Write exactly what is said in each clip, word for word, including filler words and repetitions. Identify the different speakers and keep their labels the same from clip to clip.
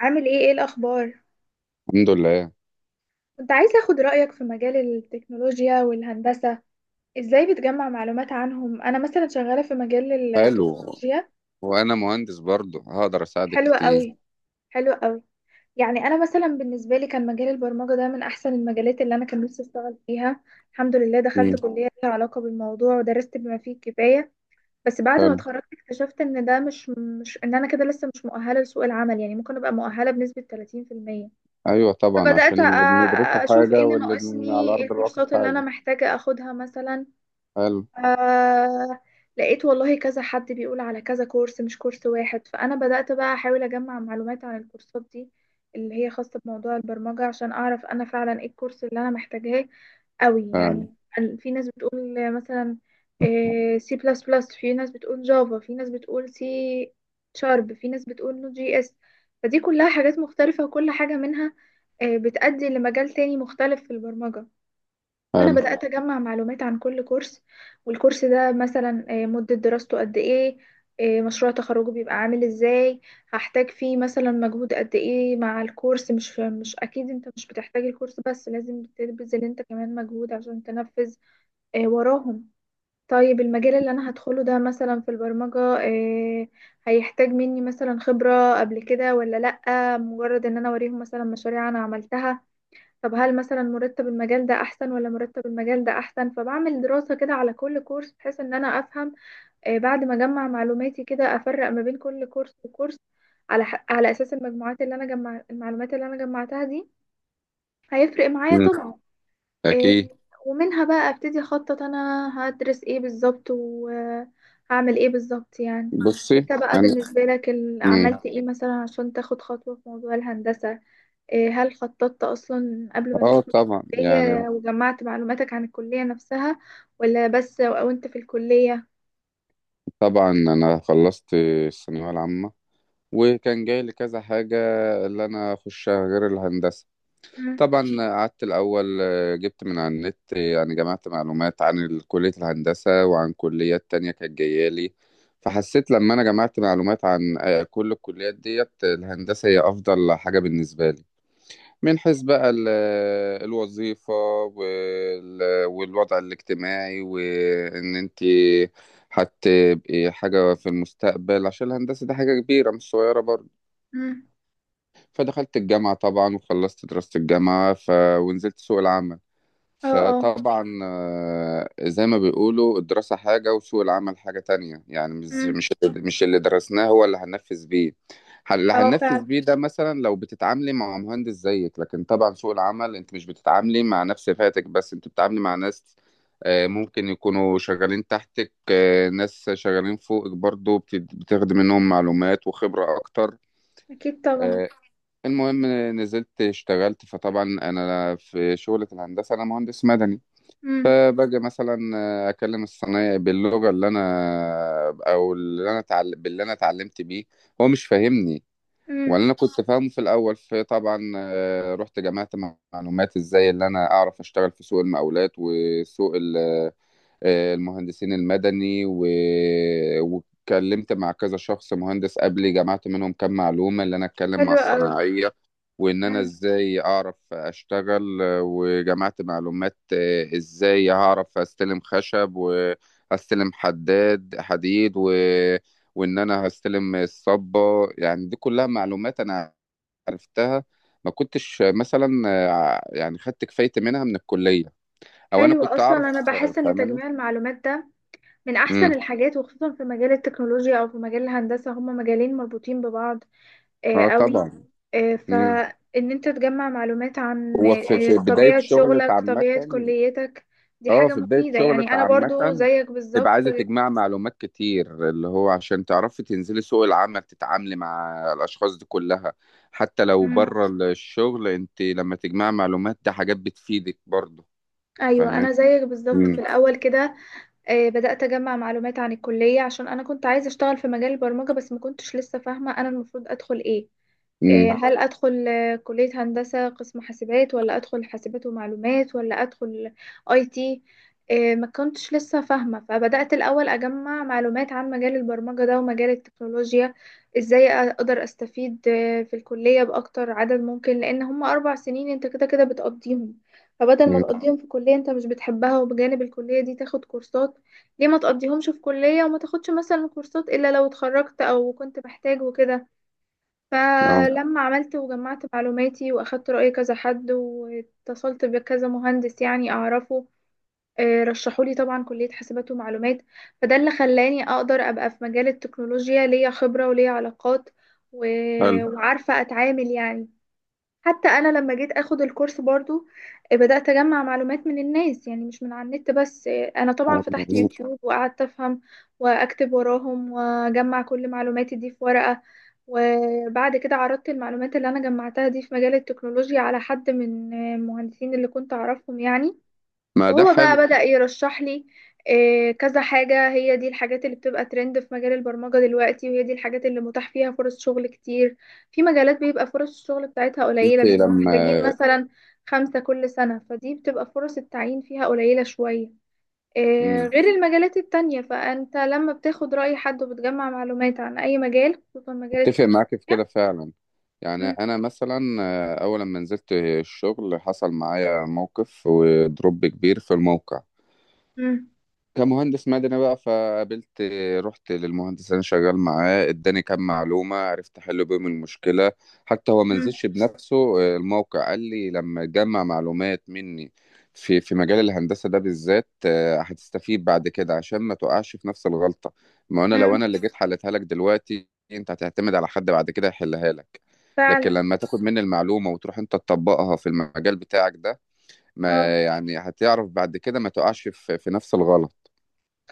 Speaker 1: عامل ايه ايه الاخبار؟
Speaker 2: الحمد لله.
Speaker 1: كنت عايزه اخد رايك في مجال التكنولوجيا والهندسه، ازاي بتجمع معلومات عنهم؟ انا مثلا شغاله في مجال
Speaker 2: حلو.
Speaker 1: التكنولوجيا.
Speaker 2: وانا مهندس برضه هقدر اساعدك
Speaker 1: حلوه
Speaker 2: كتير.
Speaker 1: قوي. حلوه قوي. يعني انا مثلا بالنسبه لي كان مجال البرمجه ده من احسن المجالات اللي انا كان نفسي اشتغل فيها. الحمد لله دخلت
Speaker 2: مم.
Speaker 1: كليه ليها علاقه بالموضوع ودرست بما فيه الكفايه. بس بعد ما
Speaker 2: حلو.
Speaker 1: اتخرجت اكتشفت ان ده مش مش ان انا كده لسه مش مؤهله لسوق العمل، يعني ممكن ابقى مؤهله بنسبه ثلاثين في المية.
Speaker 2: ايوه طبعا، عشان
Speaker 1: فبدأت أ-
Speaker 2: اللي بندرسه
Speaker 1: أشوف ايه
Speaker 2: حاجه
Speaker 1: اللي
Speaker 2: واللي بن...
Speaker 1: ناقصني،
Speaker 2: على
Speaker 1: ايه
Speaker 2: ارض الواقع
Speaker 1: الكورسات اللي أنا
Speaker 2: حاجه.
Speaker 1: محتاجة أخدها مثلا.
Speaker 2: حلو.
Speaker 1: آه، لقيت والله كذا حد بيقول على كذا كورس مش كورس واحد، فأنا بدأت بقى أحاول أجمع معلومات عن الكورسات دي اللي هي خاصة بموضوع البرمجة، عشان أعرف أنا فعلا إيه الكورس اللي أنا محتاجاه قوي.
Speaker 2: حلو.
Speaker 1: يعني ال- في ناس بتقول مثلا سي بلس بلس، في ناس بتقول جافا، في ناس بتقول سي شارب، في ناس بتقول نوت جي اس. فدي كلها حاجات مختلفة، وكل حاجة منها آه، بتأدي لمجال تاني مختلف في البرمجة. فأنا
Speaker 2: حلو.
Speaker 1: بدأت أجمع معلومات عن كل كورس، والكورس ده مثلا آه، مدة دراسته قد إيه، آه، مشروع تخرجه بيبقى عامل إزاي، هحتاج فيه مثلا مجهود قد إيه. مع الكورس مش مش أكيد أنت مش بتحتاج الكورس بس، لازم تبذل أنت كمان مجهود عشان تنفذ آه، وراهم. طيب المجال اللي أنا هدخله ده مثلا في البرمجة، آه، هيحتاج مني مثلا خبرة قبل كده ولا لأ؟ مجرد إن أنا أوريهم مثلا مشاريع أنا عملتها. طب هل مثلا مرتب المجال ده احسن ولا مرتب المجال ده احسن؟ فبعمل دراسة كده على كل كورس بحيث ان انا افهم. آه، بعد ما اجمع معلوماتي كده افرق ما بين كل كورس وكورس، على ح- على اساس المجموعات اللي انا جمع المعلومات اللي انا جمعتها دي. هيفرق معايا
Speaker 2: مم.
Speaker 1: طبعا. آه،
Speaker 2: اكيد.
Speaker 1: ومنها بقى ابتدي اخطط انا هدرس ايه بالظبط وهعمل ايه بالظبط يعني.
Speaker 2: بصي.
Speaker 1: انت بقى
Speaker 2: انا.
Speaker 1: بالنسبة لك ال-
Speaker 2: مم.
Speaker 1: عملت ايه مثلا عشان تاخد خطوة في موضوع الهندسة؟ إيه، هل خططت أصلا قبل ما
Speaker 2: اه
Speaker 1: تدخل
Speaker 2: طبعا يعني.
Speaker 1: الكلية، وجمعت معلوماتك عن الكلية نفسها، ولا بس وأنت في الكلية؟
Speaker 2: طبعا انا خلصت الثانويه العامه، وكان جاي لي كذا حاجه اللي انا اخشها غير الهندسه.
Speaker 1: مم.
Speaker 2: طبعا قعدت الأول، آه، جبت من على النت، آه، يعني جمعت معلومات عن ال- كلية الهندسة وعن كليات تانية كانت جاية لي. فحسيت لما أنا جمعت معلومات عن آه، كل الكليات ديت، آه، الهندسة هي أفضل حاجة بالنسبة لي، من حيث بقى ال- آه، الوظيفة وال- والوضع الاجتماعي، وإن أنت هتبقي حاجة في المستقبل، عشان الهندسة دي حاجة كبيرة مش صغيرة برضه.
Speaker 1: مم.
Speaker 2: فدخلت الجامعة طبعا، وخلصت دراسة الجامعة ف... ونزلت سوق العمل.
Speaker 1: اه اه.
Speaker 2: فطبعا آه، زي ما بيقولوا الدراسة حاجة وسوق العمل حاجة تانية، يعني مش
Speaker 1: مم.
Speaker 2: مش مش اللي درسناه هو اللي هننفذ بيه. ح- اللي
Speaker 1: اه
Speaker 2: هننفذ
Speaker 1: فعلا.
Speaker 2: بيه ده مثلا لو بتتعاملي مع مهندس زيك، لكن طبعا سوق العمل انت مش بتتعاملي مع نفس فئتك، بس انت بتتعاملي مع ناس آه، ممكن يكونوا شغالين تحتك، آه، ناس شغالين فوقك برضو، بت- بتاخدي منهم معلومات وخبرة أكتر.
Speaker 1: أكيد طبعا.
Speaker 2: آه، المهم نزلت اشتغلت. فطبعا أنا في شغلة الهندسة أنا مهندس مدني.
Speaker 1: مم.
Speaker 2: باجي مثلا آه، اكلم الصنايعي باللغه اللي انا او اللي انا اتعلم باللي انا اتعلمت بيه، هو مش فاهمني ولا
Speaker 1: مم.
Speaker 2: انا كنت فاهمه في الاول. فطبعا آه، رحت جمعت معلومات ازاي اللي انا اعرف اشتغل في سوق المقاولات وسوق ال آه، المهندسين المدني و... واتكلمت مع كذا شخص مهندس قبلي، جمعت منهم كام معلومة اللي أنا أتكلم مع
Speaker 1: حلو أوي.
Speaker 2: الصناعية، وإن أنا
Speaker 1: مم.
Speaker 2: إزاي أعرف أشتغل. آه، وجمعت معلومات آه، إزاي هعرف أستلم خشب وأستلم حداد حديد و... وإن أنا هستلم الصبة. يعني دي كلها معلومات أنا عرفتها، ما كنتش آه، مثلا آه، يعني خدت كفايتي منها من الكلية، أو أنا
Speaker 1: حلو.
Speaker 2: كنت
Speaker 1: أصلا
Speaker 2: أعرف.
Speaker 1: أنا
Speaker 2: آه،
Speaker 1: بحس إن
Speaker 2: فاهماني؟
Speaker 1: تجميع المعلومات ده من أحسن الحاجات، وخصوصا في مجال التكنولوجيا أو في مجال الهندسة، هما مجالين مربوطين ببعض آه،
Speaker 2: آه،
Speaker 1: قوي.
Speaker 2: طبعًا.
Speaker 1: آه،
Speaker 2: إمم،
Speaker 1: فإن أنت تجمع معلومات عن
Speaker 2: هو في في
Speaker 1: آه،
Speaker 2: بداية
Speaker 1: طبيعة
Speaker 2: شغلِك
Speaker 1: شغلك،
Speaker 2: عامةً،
Speaker 1: طبيعة كليتك، دي
Speaker 2: آه،
Speaker 1: حاجة
Speaker 2: في بداية
Speaker 1: مفيدة. يعني
Speaker 2: شغلِك
Speaker 1: أنا برضو
Speaker 2: عامةً،
Speaker 1: زيك
Speaker 2: تبقى
Speaker 1: بالظبط.
Speaker 2: عايزة تجمعي معلومات كتير، اللي هو عشان تعرفي تنزلي سوق العمل، تتعاملي مع الأشخاص دي كلها، حتى لو
Speaker 1: مم.
Speaker 2: برّه ال الشغل أنتِ لمّا تجمعي معلومات، ده حاجات بتفيدِك برضه.
Speaker 1: أيوة
Speaker 2: فاهماني؟
Speaker 1: أنا زيك بالظبط. في
Speaker 2: إمم.
Speaker 1: الأول كده آه، بدأت أجمع معلومات عن الكلية، عشان أنا كنت عايزة أشتغل في مجال البرمجة، بس ما كنتش لسه فاهمة أنا المفروض أدخل إيه. آه،
Speaker 2: إمم.
Speaker 1: صح. هل أدخل آه، كلية هندسة قسم حاسبات، ولا أدخل حاسبات ومعلومات، ولا أدخل أي تي؟ آه، ما كنتش لسه فاهمة، فبدأت الأول أجمع معلومات عن مجال البرمجة ده ومجال التكنولوجيا. إزاي أقدر أستفيد آه، في الكلية بأكتر عدد ممكن، لأن هما أربع سنين أنت كده كده بتقضيهم. فبدل ما
Speaker 2: إمم.
Speaker 1: تقضيهم في كلية أنت مش بتحبها، وبجانب الكلية دي تاخد كورسات، ليه ما تقضيهمش في كلية وما تاخدش مثلا كورسات إلا لو اتخرجت أو كنت محتاج وكده؟
Speaker 2: آه.
Speaker 1: فلما عملت وجمعت معلوماتي وأخدت رأي كذا حد واتصلت بكذا مهندس يعني أعرفه، آه، رشحولي طبعا كلية حاسبات ومعلومات. فده اللي خلاني أقدر أبقى في مجال التكنولوجيا، ليا خبرة وليا علاقات، و-
Speaker 2: حلو.
Speaker 1: وعارفة أتعامل يعني. حتى انا لما جيت اخد الكورس برضو، آه، بدأت اجمع معلومات من الناس، يعني مش من على النت بس. آه، انا طبعا
Speaker 2: آه،
Speaker 1: فتحت
Speaker 2: مضبوط.
Speaker 1: يوتيوب وقعدت افهم واكتب وراهم، واجمع كل معلوماتي دي في ورقة. وبعد كده عرضت المعلومات اللي انا جمعتها دي في مجال التكنولوجيا على حد من آه، المهندسين اللي كنت اعرفهم يعني.
Speaker 2: ما ده
Speaker 1: وهو بقى
Speaker 2: حلو، إن
Speaker 1: بدأ يرشح لي آه، كذا حاجة. هي دي الحاجات اللي بتبقى ترند في مجال البرمجة دلوقتي، وهي دي الحاجات اللي متاح فيها فرص شغل كتير. في مجالات بيبقى فرص الشغل بتاعتها
Speaker 2: أنتِ
Speaker 1: قليلة، بيبقوا محتاجين
Speaker 2: لمّا...
Speaker 1: مثلا خمسة كل سنة، فدي بتبقى فرص التعيين فيها قليلة شوية، آه،
Speaker 2: إمم.
Speaker 1: غير المجالات التانية. فأنت لما بتاخد رأي حد وبتجمع معلومات عن أي مجال، خصوصا مجال
Speaker 2: اتفق
Speaker 1: التكنولوجيا.
Speaker 2: معاك في كده فعلا. يعني
Speaker 1: مم.
Speaker 2: انا مثلا آه، اول لما نزلت الشغل حصل معايا موقف ودروب كبير في الموقع
Speaker 1: مم.
Speaker 2: كمهندس مدني بقى. فقابلت... رحت للمهندس اللي انا شغال معاه، اداني كام معلومه عرفت احل بيهم المشكله. حتى هو ما
Speaker 1: مم.
Speaker 2: نزلش بنفسه آه، الموقع. قال لي لما تجمع معلومات مني في في مجال الهندسه ده بالذات، آه، هتستفيد بعد كده، عشان ما تقعش في نفس الغلطه. ما انا لو
Speaker 1: مم.
Speaker 2: انا اللي جيت حلتها لك دلوقتي، انت هتعتمد على حد بعد كده يحلها لك. لكن
Speaker 1: فعلا.
Speaker 2: لما تاخد مني المعلومه وتروح انت تطبقها في المجال بتاعك ده،
Speaker 1: اه
Speaker 2: ما يعني هتعرف بعد كده ما تقعش في في نفس الغلط.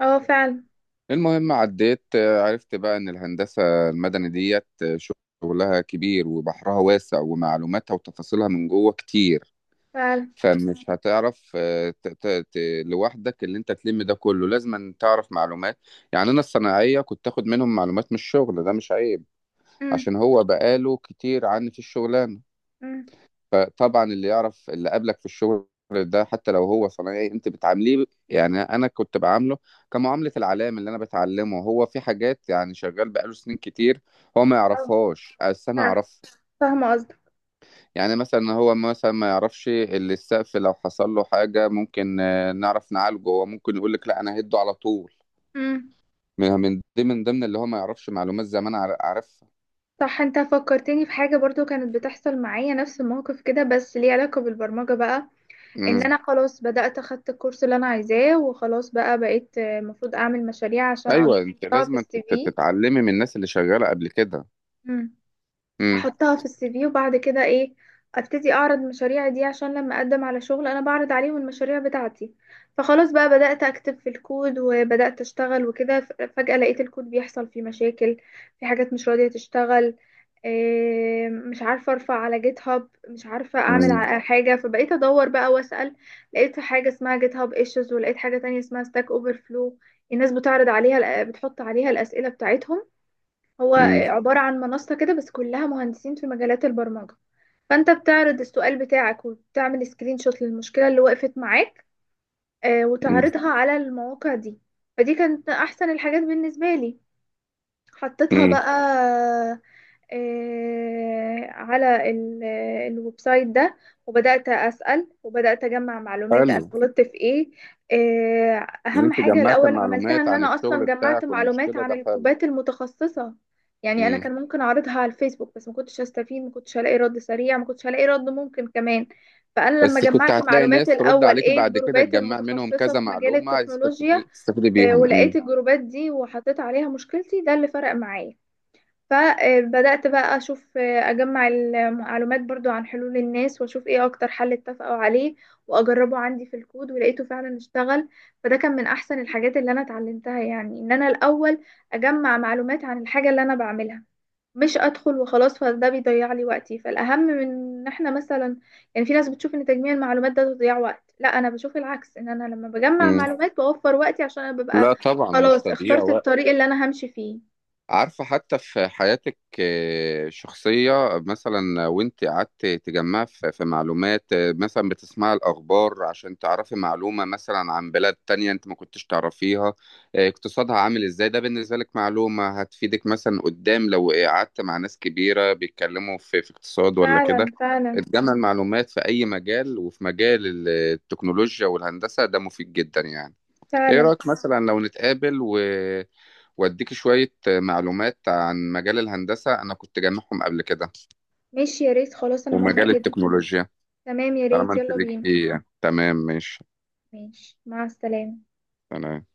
Speaker 1: اه. فعلا
Speaker 2: المهم عديت، آه، عرفت بقى ان الهندسة المدني ديت آه، شغلها كبير، وبحرها واسع، ومعلوماتها وتفاصيلها من جوه كتير.
Speaker 1: فعلا.
Speaker 2: فمش هتعرف آه، ت- ت- ت- لوحدك اللي انت تلم ده كله، لازم أن تعرف معلومات. يعني انا الصناعية كنت تاخد منهم معلومات من الشغل، ده مش عيب،
Speaker 1: مم.
Speaker 2: عشان هو بقاله كتير عني في الشغلانة.
Speaker 1: مم.
Speaker 2: فطبعا اللي يعرف اللي قابلك في الشغل ده حتى لو هو صنايعي، انت بتعامليه، يعني انا كنت بعامله كمعامله العلام اللي انا بتعلمه. هو في حاجات يعني شغال بقاله سنين كتير هو ما
Speaker 1: آه.
Speaker 2: يعرفهاش بس انا
Speaker 1: فعلا.
Speaker 2: اعرفها.
Speaker 1: فاهمة قصدك.
Speaker 2: يعني مثلا هو مثلا ما يعرفش اللي السقف لو حصل له حاجه ممكن آه، نعرف نعالجه، هو ممكن يقول لك لا انا هده على طول،
Speaker 1: امم.
Speaker 2: من من دي من ضمن اللي هو ما يعرفش. معلومات زمان عار- عارفها.
Speaker 1: صح، انت فكرتني في حاجة برضو كانت بتحصل معايا نفس الموقف كده، بس ليه علاقة بالبرمجة بقى. ان
Speaker 2: امم.
Speaker 1: انا خلاص بدأت اخدت الكورس اللي انا عايزاه، وخلاص بقى بقيت آه، المفروض اعمل مشاريع عشان اقدر
Speaker 2: ايوه انت
Speaker 1: احطها في
Speaker 2: لازم تت-
Speaker 1: السي
Speaker 2: تتعلمي من الناس اللي شغاله قبل كده.
Speaker 1: في.
Speaker 2: امم.
Speaker 1: احطها في السي في، وبعد كده ايه؟ ابتدي اعرض مشاريعي دي، عشان لما اقدم على شغل انا بعرض عليهم المشاريع بتاعتي. فخلاص بقى بدأت اكتب في الكود وبدأت اشتغل وكده، ف- فجأة لقيت الكود بيحصل فيه مشاكل، في حاجات مش راضية تشتغل. إيه، مش عارفة ارفع على جيت هاب، مش عارفة اعمل
Speaker 2: امم.
Speaker 1: ع- حاجة. فبقيت ادور بقى واسأل. لقيت حاجة اسمها جيت هاب ايشوز، ولقيت حاجة تانية اسمها ستاك اوفر فلو. الناس بتعرض عليها بتحط عليها الأسئلة بتاعتهم. هو عبارة عن منصة كده بس كلها مهندسين في مجالات البرمجة. فأنت بتعرض السؤال بتاعك، وبتعمل سكرين شوت للمشكلة اللي وقفت معاك آه،
Speaker 2: مم.
Speaker 1: وتعرضها على المواقع دي. فدي كانت أحسن الحاجات بالنسبة لي. حطيتها
Speaker 2: مم.
Speaker 1: بقى آه، على ال- آه، الويب سايت ده، وبدأت أسأل وبدأت أجمع معلومات أنا
Speaker 2: حلو.
Speaker 1: غلطت في إيه. آه،
Speaker 2: ان
Speaker 1: أهم
Speaker 2: انت
Speaker 1: حاجة
Speaker 2: جمعت
Speaker 1: الأول عملتها
Speaker 2: معلومات
Speaker 1: إن
Speaker 2: عن
Speaker 1: أنا أصلا
Speaker 2: الشغل
Speaker 1: جمعت
Speaker 2: بتاعك
Speaker 1: معلومات
Speaker 2: والمشكله،
Speaker 1: عن
Speaker 2: ده حلو.
Speaker 1: الجروبات المتخصصة. يعني أنا
Speaker 2: مم.
Speaker 1: كان ممكن أعرضها على الفيسبوك، بس ما كنتش هستفيد، ما كنتش هلاقي رد سريع، ما كنتش هلاقي رد ممكن كمان. فأنا لما
Speaker 2: بس كنت
Speaker 1: جمعت
Speaker 2: هتلاقي
Speaker 1: معلومات
Speaker 2: ناس ترد
Speaker 1: الأول
Speaker 2: عليك
Speaker 1: إيه
Speaker 2: بعد كده
Speaker 1: الجروبات
Speaker 2: تجمع منهم
Speaker 1: المتخصصة
Speaker 2: كذا
Speaker 1: في مجال
Speaker 2: معلومه، تستفيد
Speaker 1: التكنولوجيا،
Speaker 2: تستفيد
Speaker 1: آه،
Speaker 2: بيهم.
Speaker 1: ولقيت
Speaker 2: مم.
Speaker 1: الجروبات دي وحطيت عليها مشكلتي، ده اللي فرق معايا. فبدأت بقى أشوف أجمع المعلومات برضو عن حلول الناس، وأشوف إيه أكتر حل اتفقوا عليه وأجربه عندي في الكود، ولقيته فعلا اشتغل. فده كان من أحسن الحاجات اللي أنا اتعلمتها، يعني إن أنا الأول أجمع معلومات عن الحاجة اللي أنا بعملها، مش أدخل وخلاص، فده بيضيع لي وقتي. فالأهم من إن إحنا مثلا، يعني في ناس بتشوف إن تجميع المعلومات ده تضيع وقت، لا أنا بشوف العكس، إن أنا لما بجمع
Speaker 2: مم.
Speaker 1: معلومات بوفر وقتي، عشان أنا ببقى
Speaker 2: لا طبعا مش
Speaker 1: خلاص
Speaker 2: تضييع
Speaker 1: اخترت
Speaker 2: وقت.
Speaker 1: الطريق اللي أنا همشي فيه.
Speaker 2: عارفة، حتى في حياتك آه، شخصية مثلا، وانت قعدت تجمع في في معلومات، آه، مثلا بتسمع الأخبار عشان تعرفي معلومة مثلا عن بلاد تانية انت ما كنتش تعرفيها، آه، اقتصادها عامل ازاي، ده بالنسبة لك معلومة هتفيدك مثلا قدام، لو قعدت مع ناس كبيرة بيتكلموا في في اقتصاد ولا كده.
Speaker 1: فعلا. فعلا
Speaker 2: تجمع المعلومات في أي مجال، وفي مجال ال- آه، التكنولوجيا والهندسة ده مفيد جدا يعني. ايه
Speaker 1: فعلا.
Speaker 2: رأيك مثلا لو نتقابل و... واديك شوية معلومات عن مجال الهندسة أنا كنت جامعهم قبل كده،
Speaker 1: ماشي، يا ريت، خلاص انا موافقة
Speaker 2: ومجال
Speaker 1: جدا.
Speaker 2: التكنولوجيا؟
Speaker 1: تمام، يا
Speaker 2: طالما
Speaker 1: ريت
Speaker 2: أنت
Speaker 1: يلا
Speaker 2: ليك
Speaker 1: بينا.
Speaker 2: فيه. تمام. ماشي.
Speaker 1: ماشي مع السلامة.
Speaker 2: تمام.